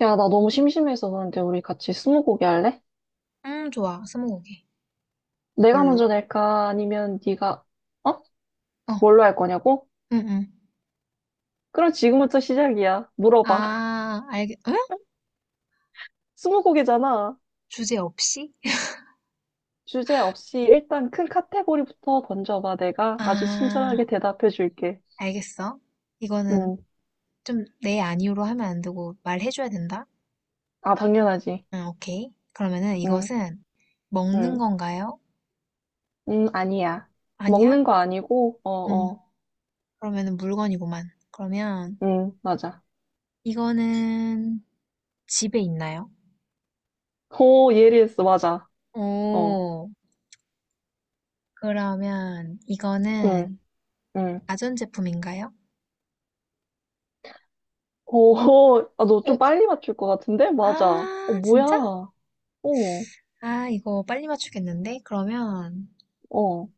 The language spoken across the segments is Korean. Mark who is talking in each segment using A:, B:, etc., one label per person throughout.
A: 야, 나 너무 심심해서 그런데 우리 같이 스무고개 할래?
B: 좋아. 스무고개.
A: 내가
B: 뭘로?
A: 먼저 낼까? 아니면 네가 어?
B: 어,
A: 뭘로 할 거냐고?
B: 응, 응.
A: 그럼 지금부터 시작이야. 물어봐.
B: 아, 알겠, 응?
A: 스무고개잖아.
B: 주제 없이?
A: 주제 없이 일단 큰 카테고리부터 던져봐. 내가 아주
B: 아,
A: 친절하게 대답해 줄게.
B: 알겠어. 이거는
A: 음.
B: 좀 내 아니오로 하면 안 되고 말해줘야 된다?
A: 아, 당연하지.
B: 응, 오케이. 그러면은
A: 음.
B: 이것은 먹는
A: 음.
B: 건가요?
A: 아니야.
B: 아니야?
A: 먹는 거 아니고, 어,
B: 응,
A: 어.
B: 그러면은 물건이구만. 그러면
A: 맞아.
B: 이거는 집에 있나요?
A: 오, 예리했어. 맞아. 어.
B: 오, 그러면
A: 음.
B: 이거는
A: 음.
B: 가전제품인가요?
A: 어, 아, 너
B: 어?
A: 좀 빨리 맞출 것 같은데? 맞아. 어,
B: 아,
A: 뭐야.
B: 진짜?
A: 어,
B: 아, 이거 빨리 맞추겠는데? 그러면
A: 어,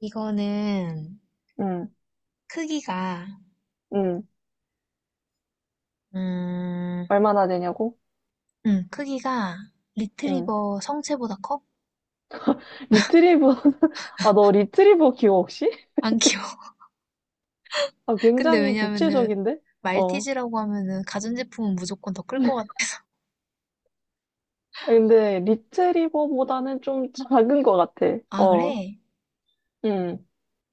B: 이거는
A: 응,
B: 크기가
A: 응.
B: 음,
A: 얼마나 되냐고?
B: 크기가
A: 응.
B: 리트리버 성체보다 커?
A: 리트리버, 아, 너 리트리버 기억 혹시?
B: 안 귀여워.
A: 아,
B: 근데
A: 굉장히
B: 왜냐면은
A: 구체적인데? 어.
B: 말티즈라고 하면은 가전제품은 무조건 더 클 것 같아.
A: 근데 리트리버보다는 좀 작은 것 같아.
B: 아, 그래?
A: 응,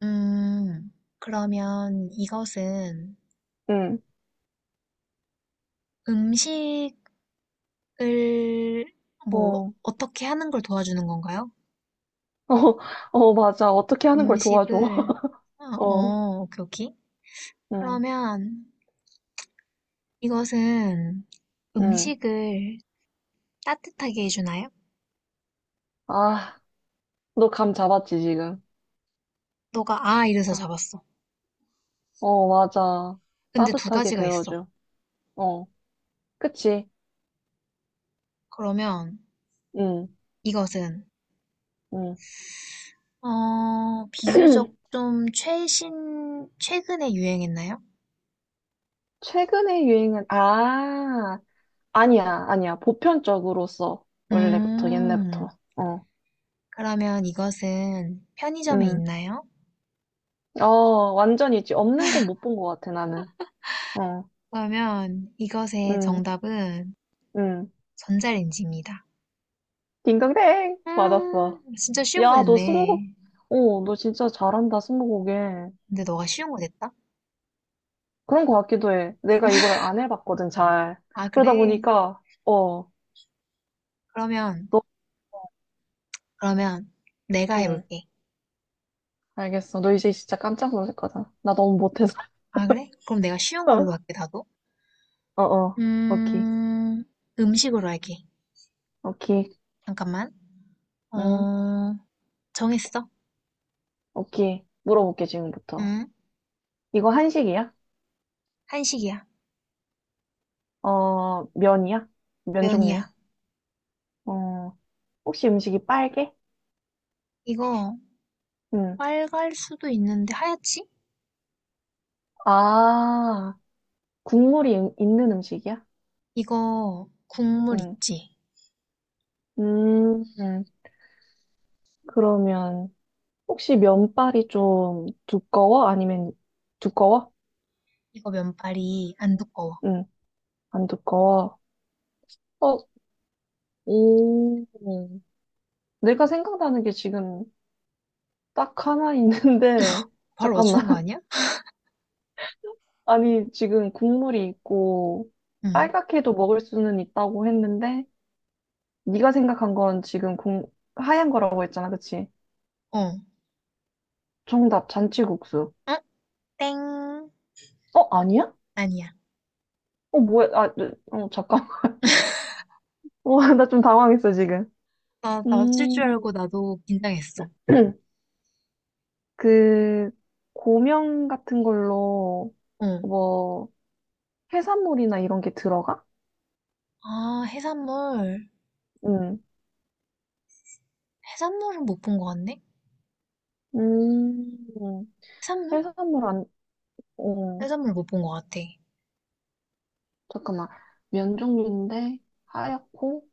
B: 음, 그러면 이것은
A: 응,
B: 음식을 뭐
A: 어,
B: 어떻게 하는 걸 도와주는 건가요?
A: 어, 어, 맞아. 어떻게 하는 걸 도와줘.
B: 음식을 아,
A: 어,
B: 어, 오케이, 오케이.
A: 응,
B: 그러면 이것은
A: 응.
B: 음식을 따뜻하게 해주나요?
A: 아, 너 감 잡았지, 지금?
B: 너가 아 이래서
A: 아,
B: 잡았어.
A: 어, 맞아.
B: 근데 두
A: 따뜻하게
B: 가지가 있어.
A: 데워줘. 어. 그치?
B: 그러면
A: 응,
B: 이것은
A: 응.
B: 어 비교적 좀 최신 최근에 유행했나요?
A: 최근에 유행은, 아, 아니야, 아니야. 보편적으로 써. 원래부터,
B: 음
A: 옛날부터. 어,
B: 그러면 이것은 편의점에
A: 응.
B: 있나요?
A: 어, 완전이지. 없는 건 못 본 것 같아, 나는. 어,
B: 그러면 이것의
A: 응,
B: 정답은
A: 응.
B: 전자레인지입니다.
A: 딩동댕! 맞았어.
B: 진짜 쉬운 거
A: 야, 너 스무고개,
B: 냈네.
A: 어, 너 진짜 잘한다, 스무고개.
B: 근데 너가 쉬운 거 냈다?
A: 그런 것 같기도 해. 내가 이걸 안 해봤거든, 잘.
B: 아
A: 그러다
B: 그래?
A: 보니까, 어,
B: 그러면
A: 너,
B: 그러면 내가
A: 응,
B: 해볼게.
A: 알겠어. 너 이제 진짜 깜짝 놀랄 거다. 나 너무 못해서.
B: 아, 그래? 그럼 내가 쉬운 걸로 할게, 나도.
A: 어 어, 오케이,
B: 음, 음식으로 할게.
A: 오케이,
B: 잠깐만.
A: 응,
B: 어, 정했어.
A: 오케이. 물어볼게, 지금부터.
B: 응?
A: 이거 한식이야?
B: 한식이야.
A: 어, 면이야? 면
B: 면이야.
A: 종류야? 어, 혹시 음식이 빨개?
B: 이거
A: 응.
B: 빨갈 수도 있는데 하얗지?
A: 아, 국물이 있는 음식이야?
B: 이거 국물
A: 응.
B: 있지?
A: 음, 음. 그러면, 혹시 면발이 좀 두꺼워? 아니면 두꺼워?
B: 이거 면발이 안 두꺼워.
A: 응, 안 두꺼워. 어, 오, 내가 생각나는 게 지금 딱 하나 있는데,
B: 바로 맞추는 거
A: 잠깐만.
B: 아니야?
A: 아니, 지금 국물이 있고
B: 응.
A: 빨갛게도 먹을 수는 있다고 했는데 네가 생각한 건 지금 공, 하얀 거라고 했잖아, 그치?
B: 어.
A: 정답, 잔치국수.
B: 어? 땡.
A: 어, 아니야?
B: 아니야.
A: 어, 뭐야? 아, 네, 어, 잠깐. 와, 나 좀 당황했어, 지금.
B: 나 맞출
A: 음,
B: 줄 알고 나도 긴장했어.
A: 그 고명 같은 걸로
B: 어.
A: 뭐 해산물이나 이런 게 들어가?
B: 아, 해산물.
A: 응.
B: 해산물은 못 본 거 같네?
A: 음,
B: 해산물?
A: 해산물 안, 어,
B: 해산물 못 본 거 같아.
A: 잠깐만. 면 종류인데 하얗고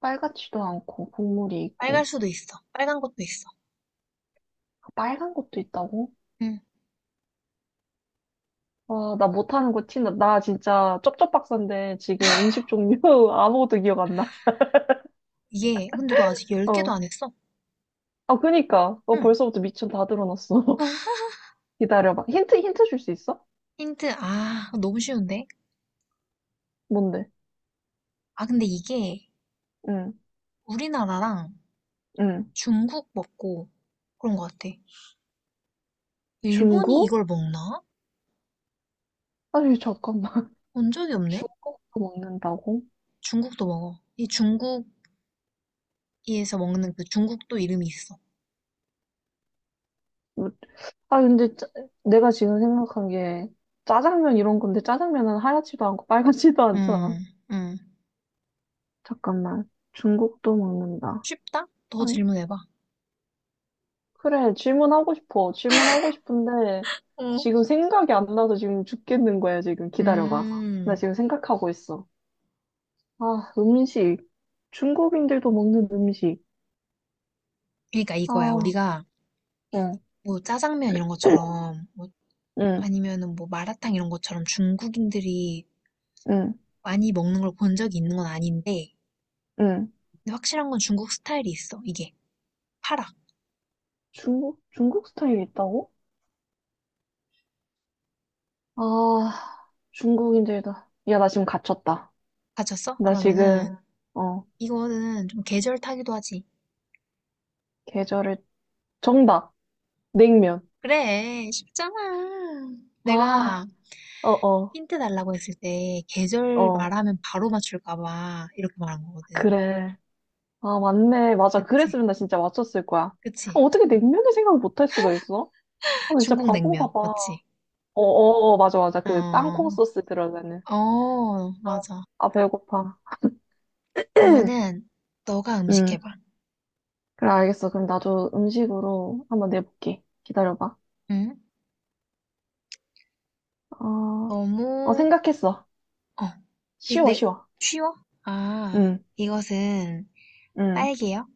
A: 빨갛지도 않고 국물이
B: 빨갈
A: 있고
B: 수도 있어. 빨간 것도 있어.
A: 아, 빨간 것도 있다고?
B: 응.
A: 와, 나 못하는 거 티 나. 나 진짜 쩝쩝박사인데 지금 음식 종류 아무것도 기억 안 나.
B: 이게, 근데 너 아직 10개도
A: 어.
B: 안 했어?
A: 아, 그니까. 어,
B: 응.
A: 벌써부터 미천 다 들어놨어. 기다려봐. 힌트, 힌트 줄 수 있어?
B: 힌트, 아, 너무 쉬운데?
A: 뭔데?
B: 아, 근데 이게
A: 응,
B: 우리나라랑
A: 응.
B: 중국 먹고 그런 것 같아. 일본이
A: 중국?
B: 이걸 먹나?
A: 아니, 잠깐만.
B: 본 적이 없네?
A: 중국도 먹는다고?
B: 중국도 먹어. 이 중국에서 먹는 그 중국도 이름이 있어.
A: 뭐- 아, 근데 내가 지금 생각한 게 짜장면 이런 건데 짜장면은 하얗지도 않고 빨갛지도 않잖아.
B: 음, 음.
A: 잠깐만. 중국도 먹는다.
B: 쉽다? 더 질문해봐.
A: 그래, 질문하고 싶어. 질문하고 싶은데,
B: 어.
A: 지금 생각이 안 나서 지금 죽겠는 거야, 지금. 기다려봐. 나
B: 음,
A: 지금 생각하고 있어. 아, 음식. 중국인들도 먹는 음식.
B: 그러니까 이거야.
A: 아,
B: 우리가
A: 응,
B: 뭐 짜장면 이런 것처럼, 뭐
A: 응,
B: 아니면은 뭐 마라탕 이런 것처럼 중국인들이
A: 응,
B: 많이 먹는 걸 본 적이 있는 건 아닌데
A: 응.
B: 근데 확실한 건 중국 스타일이 있어 이게 파라
A: 중국, 중국 스타일이 있다고? 아, 중국인들도. 야, 나 지금 갇혔다.
B: 가졌어?
A: 나 지금,
B: 그러면은
A: 어,
B: 이거는 좀 계절 타기도 하지
A: 계절을, 정답. 냉면.
B: 그래 쉽잖아
A: 아,
B: 내가
A: 어, 어,
B: 힌트 달라고 했을 때 계절
A: 어.
B: 말하면 바로 맞출까 봐 이렇게 말한 거거든
A: 그래. 아, 맞네. 맞아.
B: 그치
A: 그랬으면 나 진짜 맞췄을 거야. 아,
B: 그치
A: 어떻게 냉면을 생각을 못 할 수가 있어? 아, 진짜
B: 중국
A: 바본가
B: 냉면
A: 봐.
B: 맞지?
A: 어, 어, 어, 맞아, 맞아. 그 땅콩
B: 어,
A: 소스 들어가는.
B: 어,
A: 아,
B: 맞아
A: 아, 배고파.
B: 그러면은 너가 음식
A: 응.
B: 해봐
A: 그래, 알겠어. 그럼 나도 음식으로 한번 내볼게. 기다려봐.
B: 응?
A: 어, 어,
B: 너무
A: 생각했어.
B: 어, 이
A: 쉬워,
B: 네,
A: 쉬워.
B: 쉬워? 아,
A: 응,
B: 이것은
A: 응.
B: 빨개요?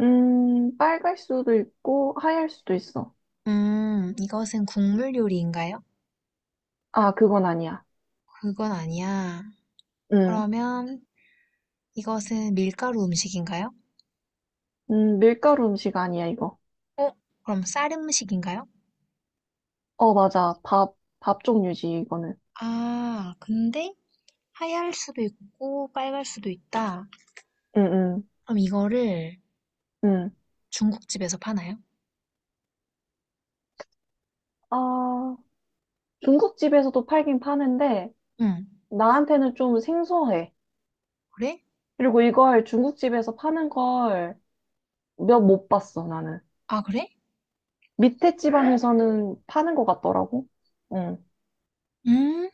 A: 빨갈 수도 있고, 하얄 수도 있어.
B: 이것은 국물 요리인가요?
A: 아, 그건 아니야.
B: 그건 아니야.
A: 응.
B: 그러면 이것은 밀가루 음식인가요?
A: 밀가루 음식 아니야, 이거.
B: 어, 그럼 쌀 음식인가요?
A: 어, 맞아. 밥, 밥 종류지, 이거는.
B: 아, 근데 하얄 수도 있고 빨갈 수도 있다.
A: 응, 응,
B: 그럼 이거를
A: 응.
B: 중국집에서 파나요?
A: 아, 중국집에서도 팔긴 파는데,
B: 응,
A: 나한테는 좀 생소해.
B: 그래?
A: 그리고 이걸 중국집에서 파는 걸 몇 못 봤어, 나는.
B: 아, 그래?
A: 밑에 지방에서는 파는 것 같더라고. 응.
B: 음,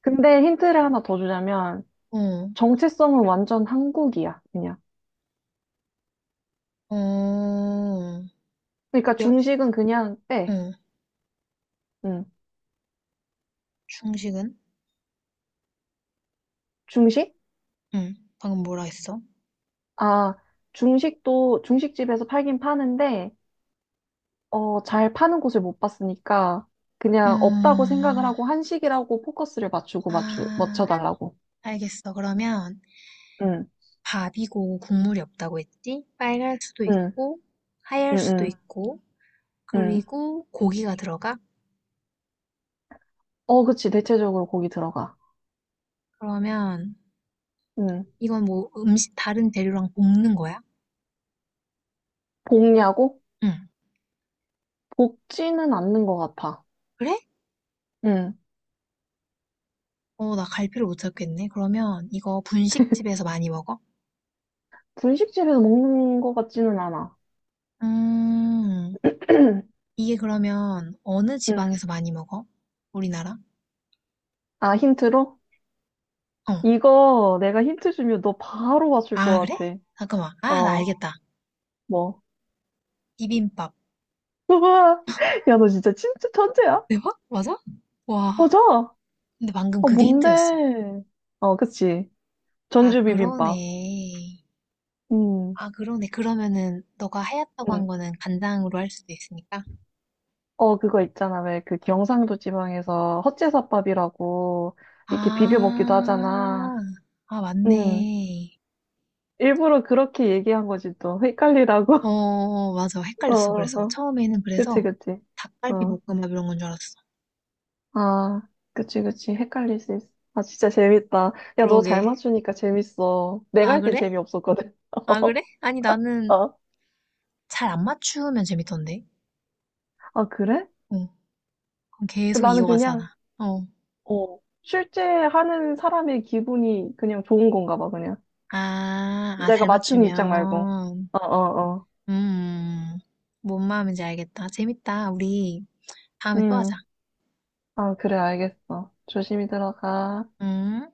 A: 근데 힌트를 하나 더 주자면,
B: 어,
A: 정체성은 완전 한국이야, 그냥.
B: 어,
A: 그러니까
B: 몇,
A: 중식은 그냥 빼.
B: 어,
A: 응.
B: 중식은?
A: 중식?
B: 응, 방금 뭐라 했어?
A: 아, 중식도, 중식집에서 팔긴 파는데, 어, 잘 파는 곳을 못 봤으니까
B: 음,
A: 그냥 없다고 생각을 하고 한식이라고 포커스를
B: 아,
A: 맞춰달라고.
B: 알겠어. 그러면
A: 응,
B: 밥이고 국물이 없다고 했지? 빨갈 수도
A: 응,
B: 있고,
A: 응,
B: 하얄 수도
A: 응,
B: 있고,
A: 응.
B: 그리고 고기가 들어가?
A: 어, 그치. 대체적으로 고기 들어가.
B: 그러면
A: 응.
B: 이건 뭐 음식 다른 재료랑 볶는 거야?
A: 볶냐고?
B: 응.
A: 볶지는 않는 것 같아.
B: 그래?
A: 응.
B: 어, 나 갈피를 못 찾겠네. 그러면 이거 분식집에서 많이 먹어?
A: 분식집에서 먹는 것 같지는 않아.
B: 음, 이게 그러면 어느
A: 응.
B: 지방에서 많이 먹어? 우리나라?
A: 아, 힌트로?
B: 어.
A: 이거 내가 힌트 주면 너 바로 맞출
B: 아,
A: 것
B: 그래?
A: 같아.
B: 잠깐만. 아, 나
A: 어,
B: 알겠다.
A: 뭐.
B: 비빔밥.
A: 우와, 야, 너 진짜 진짜 천재야?
B: 대박? 맞아? 와.
A: 맞아.
B: 근데 방금
A: 어,
B: 그게 힌트였어.
A: 뭔데? 어, 그치.
B: 아,
A: 전주 비빔밥.
B: 그러네.
A: 음,
B: 아, 그러네. 그러면은 너가 하얗다고
A: 음.
B: 한 거는 간장으로 할 수도 있으니까.
A: 어, 그거 있잖아. 왜 그 경상도 지방에서 헛제사밥이라고 이렇게 비벼 먹기도 하잖아.
B: 아, 아,
A: 음,
B: 맞네.
A: 일부러 그렇게 얘기한 거지, 또. 헷갈리라고.
B: 어, 어, 맞아.
A: 어,
B: 헷갈렸어.
A: 어,
B: 그래서
A: 어.
B: 처음에는
A: 그치,
B: 그래서
A: 그치.
B: 닭갈비
A: 어.
B: 볶음밥 이런 건 줄 알았어.
A: 아, 그치, 그치. 헷갈릴 수 있어. 아, 진짜 재밌다. 야, 너
B: 그러게.
A: 잘 맞추니까 재밌어. 내가
B: 아,
A: 할 땐
B: 그래?
A: 재미없었거든.
B: 아, 그래? 아니, 나는
A: 어,
B: 잘 안 맞추면 재밌던데.
A: 아, 그래?
B: 어, 그럼 계속
A: 나는 그냥
B: 이어가잖아. 어.
A: 어, 실제 하는 사람의 기분이 그냥 좋은 건가 봐, 그냥.
B: 아, 아,
A: 내가
B: 잘
A: 맞추는 입장 말고.
B: 맞추면.
A: 어, 어, 어.
B: 음, 뭔 마음인지 알겠다. 재밌다. 우리 다음에 또
A: 음.
B: 하자.
A: 아, 그래, 알겠어. 조심히 들어가.
B: 음.